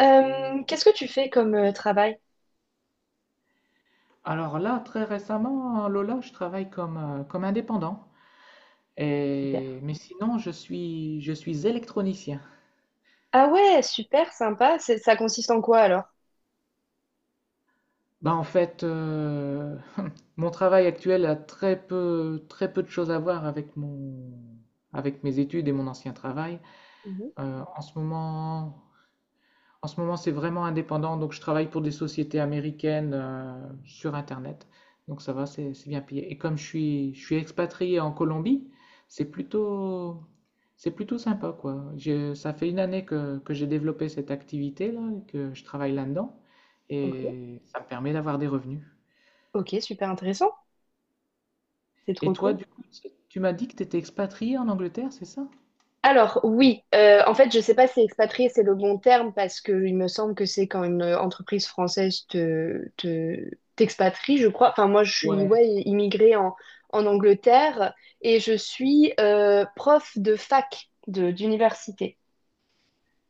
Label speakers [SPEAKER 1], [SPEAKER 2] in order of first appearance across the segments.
[SPEAKER 1] Qu'est-ce que tu fais comme travail?
[SPEAKER 2] Alors là, très récemment, hein, Lola, je travaille comme, comme indépendant.
[SPEAKER 1] Super.
[SPEAKER 2] Et... Mais sinon, je suis électronicien.
[SPEAKER 1] Ah ouais, super sympa. C'est- Ça consiste en quoi alors?
[SPEAKER 2] Bah, en fait, euh, mon travail actuel a très peu de choses à voir avec mon, avec mes études et mon ancien travail.
[SPEAKER 1] Mhm,
[SPEAKER 2] Euh, en ce moment, En ce moment, c'est vraiment indépendant, donc je travaille pour des sociétés américaines sur Internet. Donc ça va, c'est bien payé. Et comme je suis expatrié en Colombie, c'est plutôt, c'est plutôt sympa, quoi. Ça fait une année que j'ai développé cette activité-là, et que je travaille là-dedans,
[SPEAKER 1] ok.
[SPEAKER 2] et ça me permet d'avoir des revenus.
[SPEAKER 1] Ok, super intéressant. C'est
[SPEAKER 2] Et
[SPEAKER 1] trop
[SPEAKER 2] toi,
[SPEAKER 1] cool.
[SPEAKER 2] du coup, tu m'as dit que tu étais expatrié en Angleterre, c'est ça?
[SPEAKER 1] Alors oui, en fait, je sais pas si expatrié c'est le bon terme parce que il me semble que c'est quand une entreprise française t'expatrie, je crois. Enfin, moi, je suis
[SPEAKER 2] Ouais.
[SPEAKER 1] ouais, immigrée en, en Angleterre et je suis prof de fac d'université.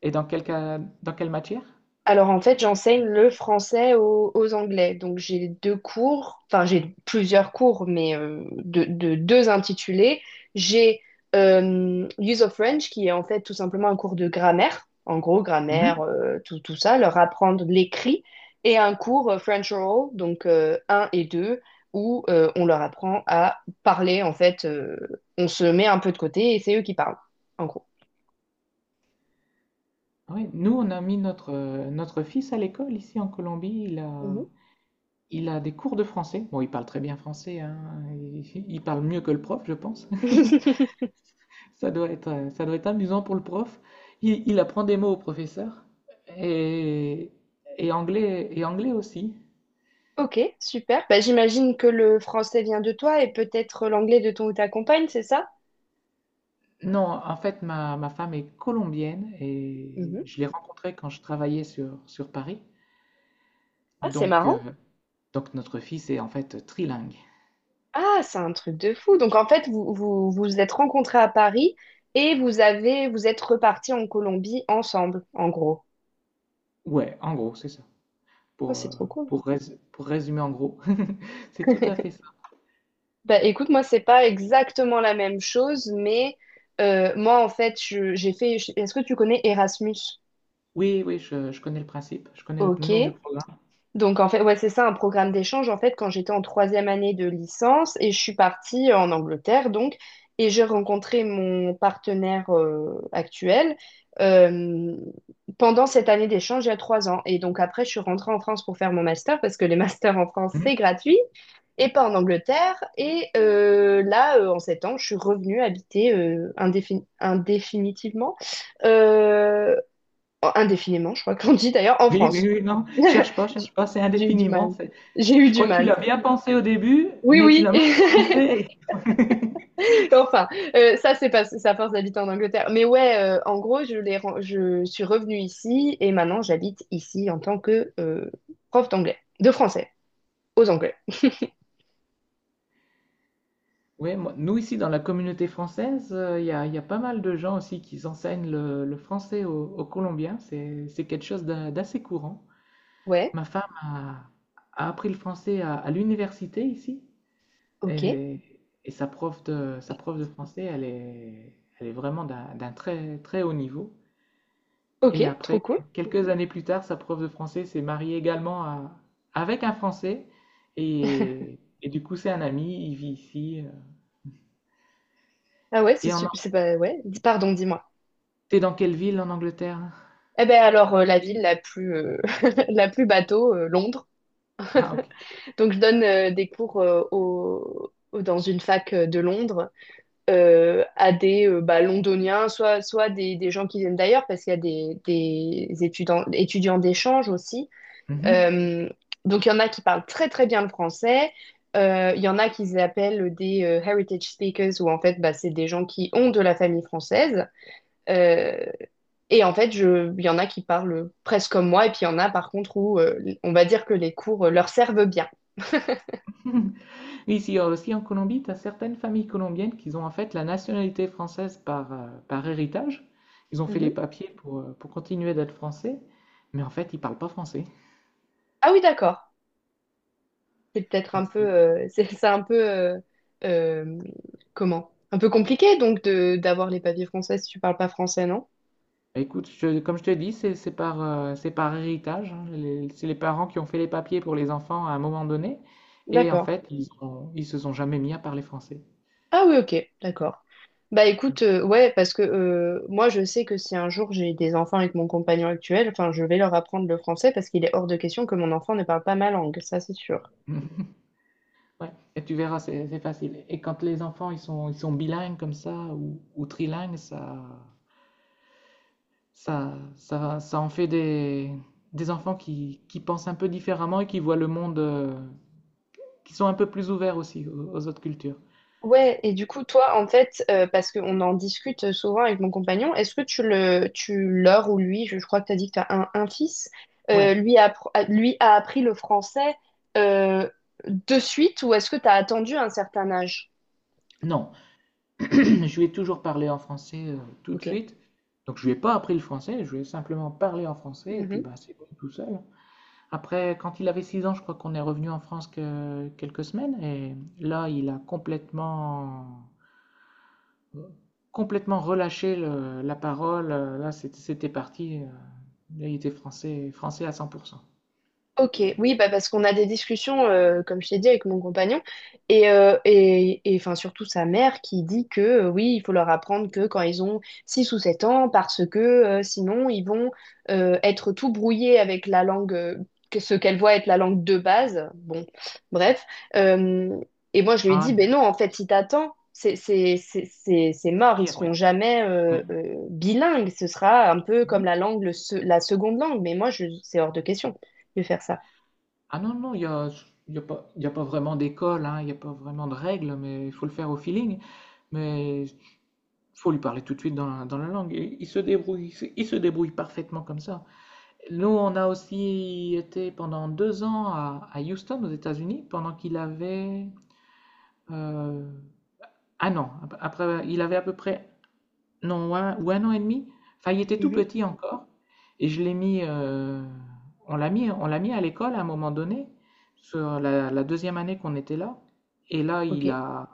[SPEAKER 2] Et dans quel cas, dans quelle matière?
[SPEAKER 1] Alors en fait, j'enseigne le français aux Anglais. Donc j'ai deux cours, enfin j'ai plusieurs cours, mais deux intitulés. J'ai Use of French, qui est en fait tout simplement un cours de grammaire, en gros grammaire, tout ça, leur apprendre l'écrit, et un cours French Oral, donc un et 2, où on leur apprend à parler. En fait, on se met un peu de côté et c'est eux qui parlent, en gros.
[SPEAKER 2] Oui, nous, on a mis notre, notre fils à l'école ici en Colombie.
[SPEAKER 1] Mhm.
[SPEAKER 2] Il a des cours de français. Bon, il parle très bien français, hein. Il parle mieux que le prof, je pense. Ça doit être amusant pour le prof. Il apprend des mots au professeur et, et anglais aussi.
[SPEAKER 1] Ok, super. Bah, j'imagine que le français vient de toi et peut-être l'anglais de ton ou ta compagne, c'est ça?
[SPEAKER 2] Non, en fait, ma femme est colombienne et
[SPEAKER 1] Mhm.
[SPEAKER 2] je l'ai rencontrée quand je travaillais sur Paris.
[SPEAKER 1] Ah, c'est
[SPEAKER 2] Donc,
[SPEAKER 1] marrant.
[SPEAKER 2] euh, donc, notre fils est en fait trilingue.
[SPEAKER 1] Ah, c'est un truc de fou. Donc en fait, vous êtes rencontrés à Paris et vous êtes repartis en Colombie ensemble, en gros.
[SPEAKER 2] Ouais, en gros, c'est ça.
[SPEAKER 1] Ah,
[SPEAKER 2] pour, euh,
[SPEAKER 1] c'est trop cool.
[SPEAKER 2] pour pour résumer en gros. C'est tout à fait ça.
[SPEAKER 1] Bah, écoute, moi, c'est pas exactement la même chose, mais moi, en fait, Est-ce que tu connais Erasmus?
[SPEAKER 2] Oui, oui, je connais le principe, je connais le nom du
[SPEAKER 1] Ok.
[SPEAKER 2] programme.
[SPEAKER 1] Donc, en fait, ouais, c'est ça, un programme d'échange, en fait, quand j'étais en troisième année de licence et je suis partie en Angleterre, donc, et j'ai rencontré mon partenaire actuel euh, pendant cette année d'échange il y a trois ans. Et donc, après, je suis rentrée en France pour faire mon master parce que les masters en France,
[SPEAKER 2] Hmm.
[SPEAKER 1] c'est gratuit et pas en Angleterre. Et en sept ans, je suis revenue habiter indéfinitivement euh, indéfiniment, je crois qu'on dit d'ailleurs, en
[SPEAKER 2] Oui, oui,
[SPEAKER 1] France.
[SPEAKER 2] oui, non,
[SPEAKER 1] J'ai
[SPEAKER 2] cherche pas, c'est
[SPEAKER 1] j'ai eu du
[SPEAKER 2] indéfiniment.
[SPEAKER 1] mal.
[SPEAKER 2] c'est-
[SPEAKER 1] J'ai eu
[SPEAKER 2] Je
[SPEAKER 1] du
[SPEAKER 2] crois que tu
[SPEAKER 1] mal.
[SPEAKER 2] l'as bien pensé au début,
[SPEAKER 1] Oui,
[SPEAKER 2] mais tu
[SPEAKER 1] oui.
[SPEAKER 2] l'as mal prononcé.
[SPEAKER 1] Enfin, ça, c'est parce que c'est à force d'habiter en Angleterre. Mais ouais, en gros, je suis revenue ici et maintenant j'habite ici en tant que prof d'anglais, de français, aux Anglais.
[SPEAKER 2] Oui, nous ici dans la communauté française, il y a pas mal de gens aussi qui enseignent le français aux Colombiens. C'est quelque chose d'assez courant.
[SPEAKER 1] Ouais,
[SPEAKER 2] Ma femme a, a appris le français à l'université ici.
[SPEAKER 1] ok,
[SPEAKER 2] Et, et sa prof de français, elle est vraiment d'un très, très haut niveau.
[SPEAKER 1] ok,
[SPEAKER 2] Et
[SPEAKER 1] trop
[SPEAKER 2] après,
[SPEAKER 1] cool.
[SPEAKER 2] quelques années plus tard, sa prof de français s'est mariée également avec un Français. Et du coup, c'est un ami, il vit ici.
[SPEAKER 1] Ah ouais, c'est
[SPEAKER 2] Et
[SPEAKER 1] su- c'est pas ouais. dis- Pardon, dis-moi.
[SPEAKER 2] t'es dans quelle ville en Angleterre?
[SPEAKER 1] Eh ben alors, la ville la plus la plus bateau, Londres.
[SPEAKER 2] Ah, ok.
[SPEAKER 1] Donc, je donne des cours dans une fac de Londres à des bah, londoniens, soit, soit des gens qui viennent d'ailleurs, parce qu'il y a des étudiants, étudiants d'échange aussi.
[SPEAKER 2] Mhm.
[SPEAKER 1] Euh, donc, il y en a qui parlent très, très bien le français. Il y en a qui s'appellent des heritage speakers, où en fait, bah, c'est des gens qui ont de la famille française. Euh, et en fait, il y en a qui parlent presque comme moi, et puis il y en a par contre où on va dire que les cours leur servent bien.
[SPEAKER 2] Oui, ici aussi en Colombie, tu as certaines familles colombiennes qui ont en fait la nationalité française par, par héritage. Ils ont fait les papiers pour continuer d'être français, mais en fait, ils parlent pas français.
[SPEAKER 1] Ah oui, d'accord. C'est peut-être un
[SPEAKER 2] Donc
[SPEAKER 1] peu,
[SPEAKER 2] c'est-
[SPEAKER 1] c'est c'est un peu, euh, comment? Un peu compliqué donc de d'avoir les papiers français si tu parles pas français, non?
[SPEAKER 2] Bah, écoute, comme je te dis, c'est par, c'est par héritage, hein. C'est les parents qui ont fait les papiers pour les enfants à un moment donné. Et en
[SPEAKER 1] D'accord.
[SPEAKER 2] fait, ils se sont jamais mis à parler français.
[SPEAKER 1] Ah oui, ok, d'accord. Bah écoute,
[SPEAKER 2] Donc,
[SPEAKER 1] ouais, parce que moi je sais que si un jour j'ai des enfants avec mon compagnon actuel, enfin je vais leur apprendre le français parce qu'il est hors de question que mon enfant ne parle pas ma langue, ça c'est sûr.
[SPEAKER 2] ouais. Et tu verras, c'est facile. Et quand les enfants ils sont bilingues comme ça ou trilingues, ça en fait des enfants qui pensent un peu différemment et qui voient le monde, qui sont un peu plus ouverts aussi aux aux autres cultures.
[SPEAKER 1] Ouais, et du coup, toi, en fait, parce qu'on en discute souvent avec mon compagnon, est-ce que tu le, tu leur ou lui, je crois que tu as dit que tu as un fils,
[SPEAKER 2] Ouais,
[SPEAKER 1] lui a, lui a appris le français euh, de suite ou est-ce que tu as attendu un certain âge?
[SPEAKER 2] non, je lui ai toujours parlé en français tout de
[SPEAKER 1] Ok.
[SPEAKER 2] suite. Donc je lui ai pas appris le français, je lui ai simplement parlé en français et puis bah, c'est bon tout seul. Après, quand il avait 6 ans, je crois qu'on est revenu en France que quelques semaines et là il a complètement relâché la parole. Là c'était parti, là il était français, français à 100%.
[SPEAKER 1] Ok, oui, bah parce qu'on a des discussions, comme je t'ai dit, avec mon compagnon, enfin surtout sa mère qui dit que oui, il faut leur apprendre que quand ils ont 6 ou 7 ans, parce que sinon ils vont être tout brouillés avec la langue, que- ce qu'elle voit être la langue de base. Bon, bref. Euh, et moi je lui ai
[SPEAKER 2] Ah
[SPEAKER 1] dit,
[SPEAKER 2] non,
[SPEAKER 1] ben non, en fait, si t'attends, c'est
[SPEAKER 2] c'est
[SPEAKER 1] mort, ils
[SPEAKER 2] pire,
[SPEAKER 1] seront
[SPEAKER 2] oui.
[SPEAKER 1] jamais
[SPEAKER 2] Ouais.
[SPEAKER 1] bilingues, ce sera un peu comme la langue, la seconde langue, mais moi je, c'est hors de question de faire ça.
[SPEAKER 2] Ah non, non, il y a pas vraiment d'école, hein, il n'y a pas vraiment de règles, mais il faut le faire au feeling. Mais il faut lui parler tout de suite dans dans la langue. Et il se débrouille, il se débrouille parfaitement comme ça. Nous, on a aussi été pendant 2 ans à Houston, aux États-Unis, pendant qu'il avait euh, 1 an. Après, il avait à peu près non, ou un, ou 1 an et demi. Enfin, il était tout
[SPEAKER 1] Mhm.
[SPEAKER 2] petit encore. Et je l'ai mis, on l'a mis à l'école à un moment donné, sur la deuxième année qu'on était là. Et là,
[SPEAKER 1] Ok.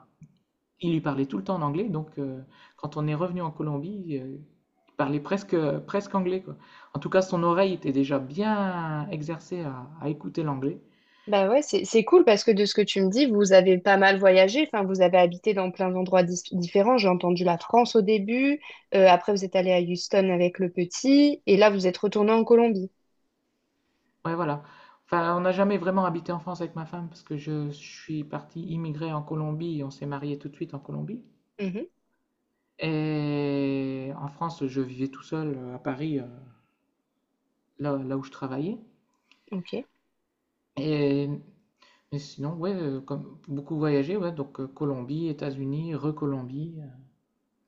[SPEAKER 2] il lui parlait tout le temps en anglais. Donc, quand on est revenu en Colombie, il parlait presque, presque anglais, quoi. En tout cas, son oreille était déjà bien exercée à écouter l'anglais.
[SPEAKER 1] Bah ouais, c'est cool parce que de ce que tu me dis, vous avez pas mal voyagé, enfin vous avez habité dans plein d'endroits différents. J'ai entendu la France au début, après vous êtes allé à Houston avec le petit, et là vous êtes retourné en Colombie.
[SPEAKER 2] Ouais, voilà. Enfin, on n'a jamais vraiment habité en France avec ma femme parce que je suis parti immigrer en Colombie et on s'est marié tout de suite en Colombie.
[SPEAKER 1] Mhm,
[SPEAKER 2] Et en France, je vivais tout seul à Paris, là où je travaillais.
[SPEAKER 1] ok,
[SPEAKER 2] Et, mais sinon, ouais, comme beaucoup voyagé, ouais, donc Colombie, États-Unis, re-Colombie.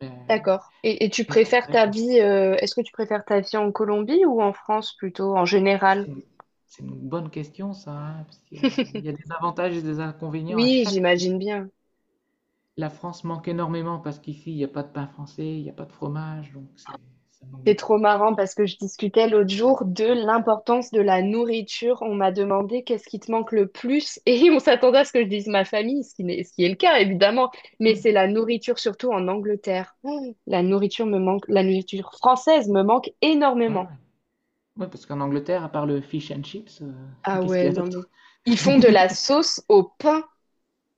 [SPEAKER 2] mais,
[SPEAKER 1] d'accord. Et tu
[SPEAKER 2] mais ça
[SPEAKER 1] préfères
[SPEAKER 2] s'arrête
[SPEAKER 1] ta
[SPEAKER 2] là.
[SPEAKER 1] vie, est-ce que tu préfères ta vie en Colombie ou en France plutôt, en général?
[SPEAKER 2] C'est une, c'est une bonne question, ça, hein, parce qu'il y a des avantages et des inconvénients à
[SPEAKER 1] Oui,
[SPEAKER 2] chaque pays.
[SPEAKER 1] j'imagine bien.
[SPEAKER 2] La France manque énormément parce qu'ici, il n'y a pas de pain français, il n'y a pas de fromage, donc c'est, ça manque
[SPEAKER 1] C'est
[SPEAKER 2] beaucoup.
[SPEAKER 1] trop marrant parce que je discutais l'autre jour de l'importance de la nourriture. On m'a demandé qu'est-ce qui te manque le plus et on s'attendait à ce que je dise ma famille, ce qui n'est- ce qui est le cas évidemment, mais
[SPEAKER 2] Hum,
[SPEAKER 1] c'est la nourriture surtout en Angleterre. Mmh. La nourriture me manque, la nourriture française me manque
[SPEAKER 2] ouais, ouais.
[SPEAKER 1] énormément.
[SPEAKER 2] Ouais, parce qu'en Angleterre, à part le fish and chips,
[SPEAKER 1] Ah
[SPEAKER 2] qu'est-ce qu'il y
[SPEAKER 1] ouais,
[SPEAKER 2] a
[SPEAKER 1] non mais
[SPEAKER 2] d'autre?
[SPEAKER 1] ils font de la sauce au pain,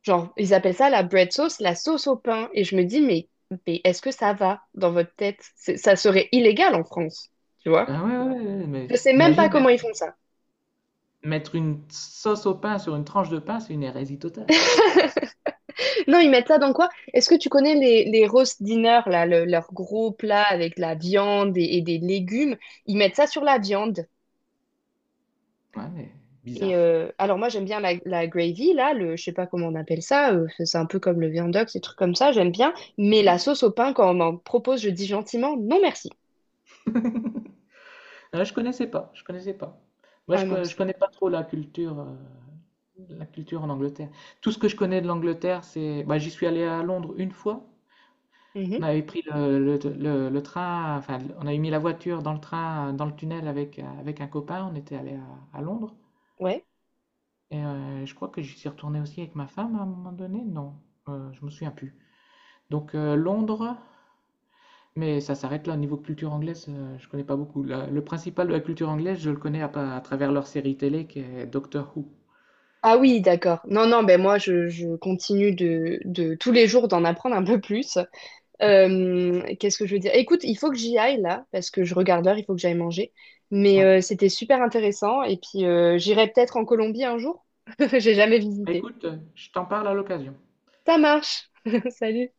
[SPEAKER 1] genre ils appellent ça la bread sauce, la sauce au pain et je me dis mais est-ce que ça va dans votre tête? C'est- Ça serait illégal en France, tu vois?
[SPEAKER 2] Ah ouais, ouais, ouais, ouais, mais
[SPEAKER 1] Je sais même pas
[SPEAKER 2] imagine
[SPEAKER 1] comment ils font ça.
[SPEAKER 2] mettre une sauce au pain sur une tranche de pain, c'est une hérésie totale.
[SPEAKER 1] Non, ils mettent ça dans quoi? Est-ce que tu connais les roast dinner, là, leur gros plat avec la viande et des légumes? Ils mettent ça sur la viande.
[SPEAKER 2] Ouais, mais
[SPEAKER 1] Et
[SPEAKER 2] bizarre.
[SPEAKER 1] alors moi j'aime bien la, la gravy, là, le, je sais pas comment on appelle ça, c'est c'est un peu comme le viandox, ces trucs comme ça, j'aime bien. Mais la sauce au pain, quand on m'en propose, je dis gentiment non merci.
[SPEAKER 2] Ah, je connaissais pas, je connaissais pas. Moi,
[SPEAKER 1] Ah non,
[SPEAKER 2] je
[SPEAKER 1] c'est...
[SPEAKER 2] connais pas trop la culture en Angleterre. Tout ce que je connais de l'Angleterre, c'est, bah, j'y suis allé à Londres une fois.
[SPEAKER 1] Mhm,
[SPEAKER 2] On avait pris le train, enfin, on avait mis la voiture dans le train, dans le tunnel avec, avec un copain. On était allé à Londres.
[SPEAKER 1] ouais.
[SPEAKER 2] Et je crois que j'y suis retourné aussi avec ma femme à un moment donné. Non, je me souviens plus. Donc Londres, mais ça s'arrête là. Au niveau culture anglaise, je connais pas beaucoup. Le principal de la culture anglaise, je le connais à, à travers leur série télé qui est Doctor Who.
[SPEAKER 1] Ah oui, d'accord. Non, non, ben moi je continue de tous les jours d'en apprendre un peu plus. Qu'est-ce que je veux dire? Écoute, il faut que j'y aille là, parce que je regarde l'heure, il faut que j'aille manger. Mais
[SPEAKER 2] Ouais.
[SPEAKER 1] c'était super intéressant. Et puis, j'irai peut-être en Colombie un jour. J'ai jamais visité.
[SPEAKER 2] Écoute, je t'en parle à l'occasion.
[SPEAKER 1] Ça marche. Salut.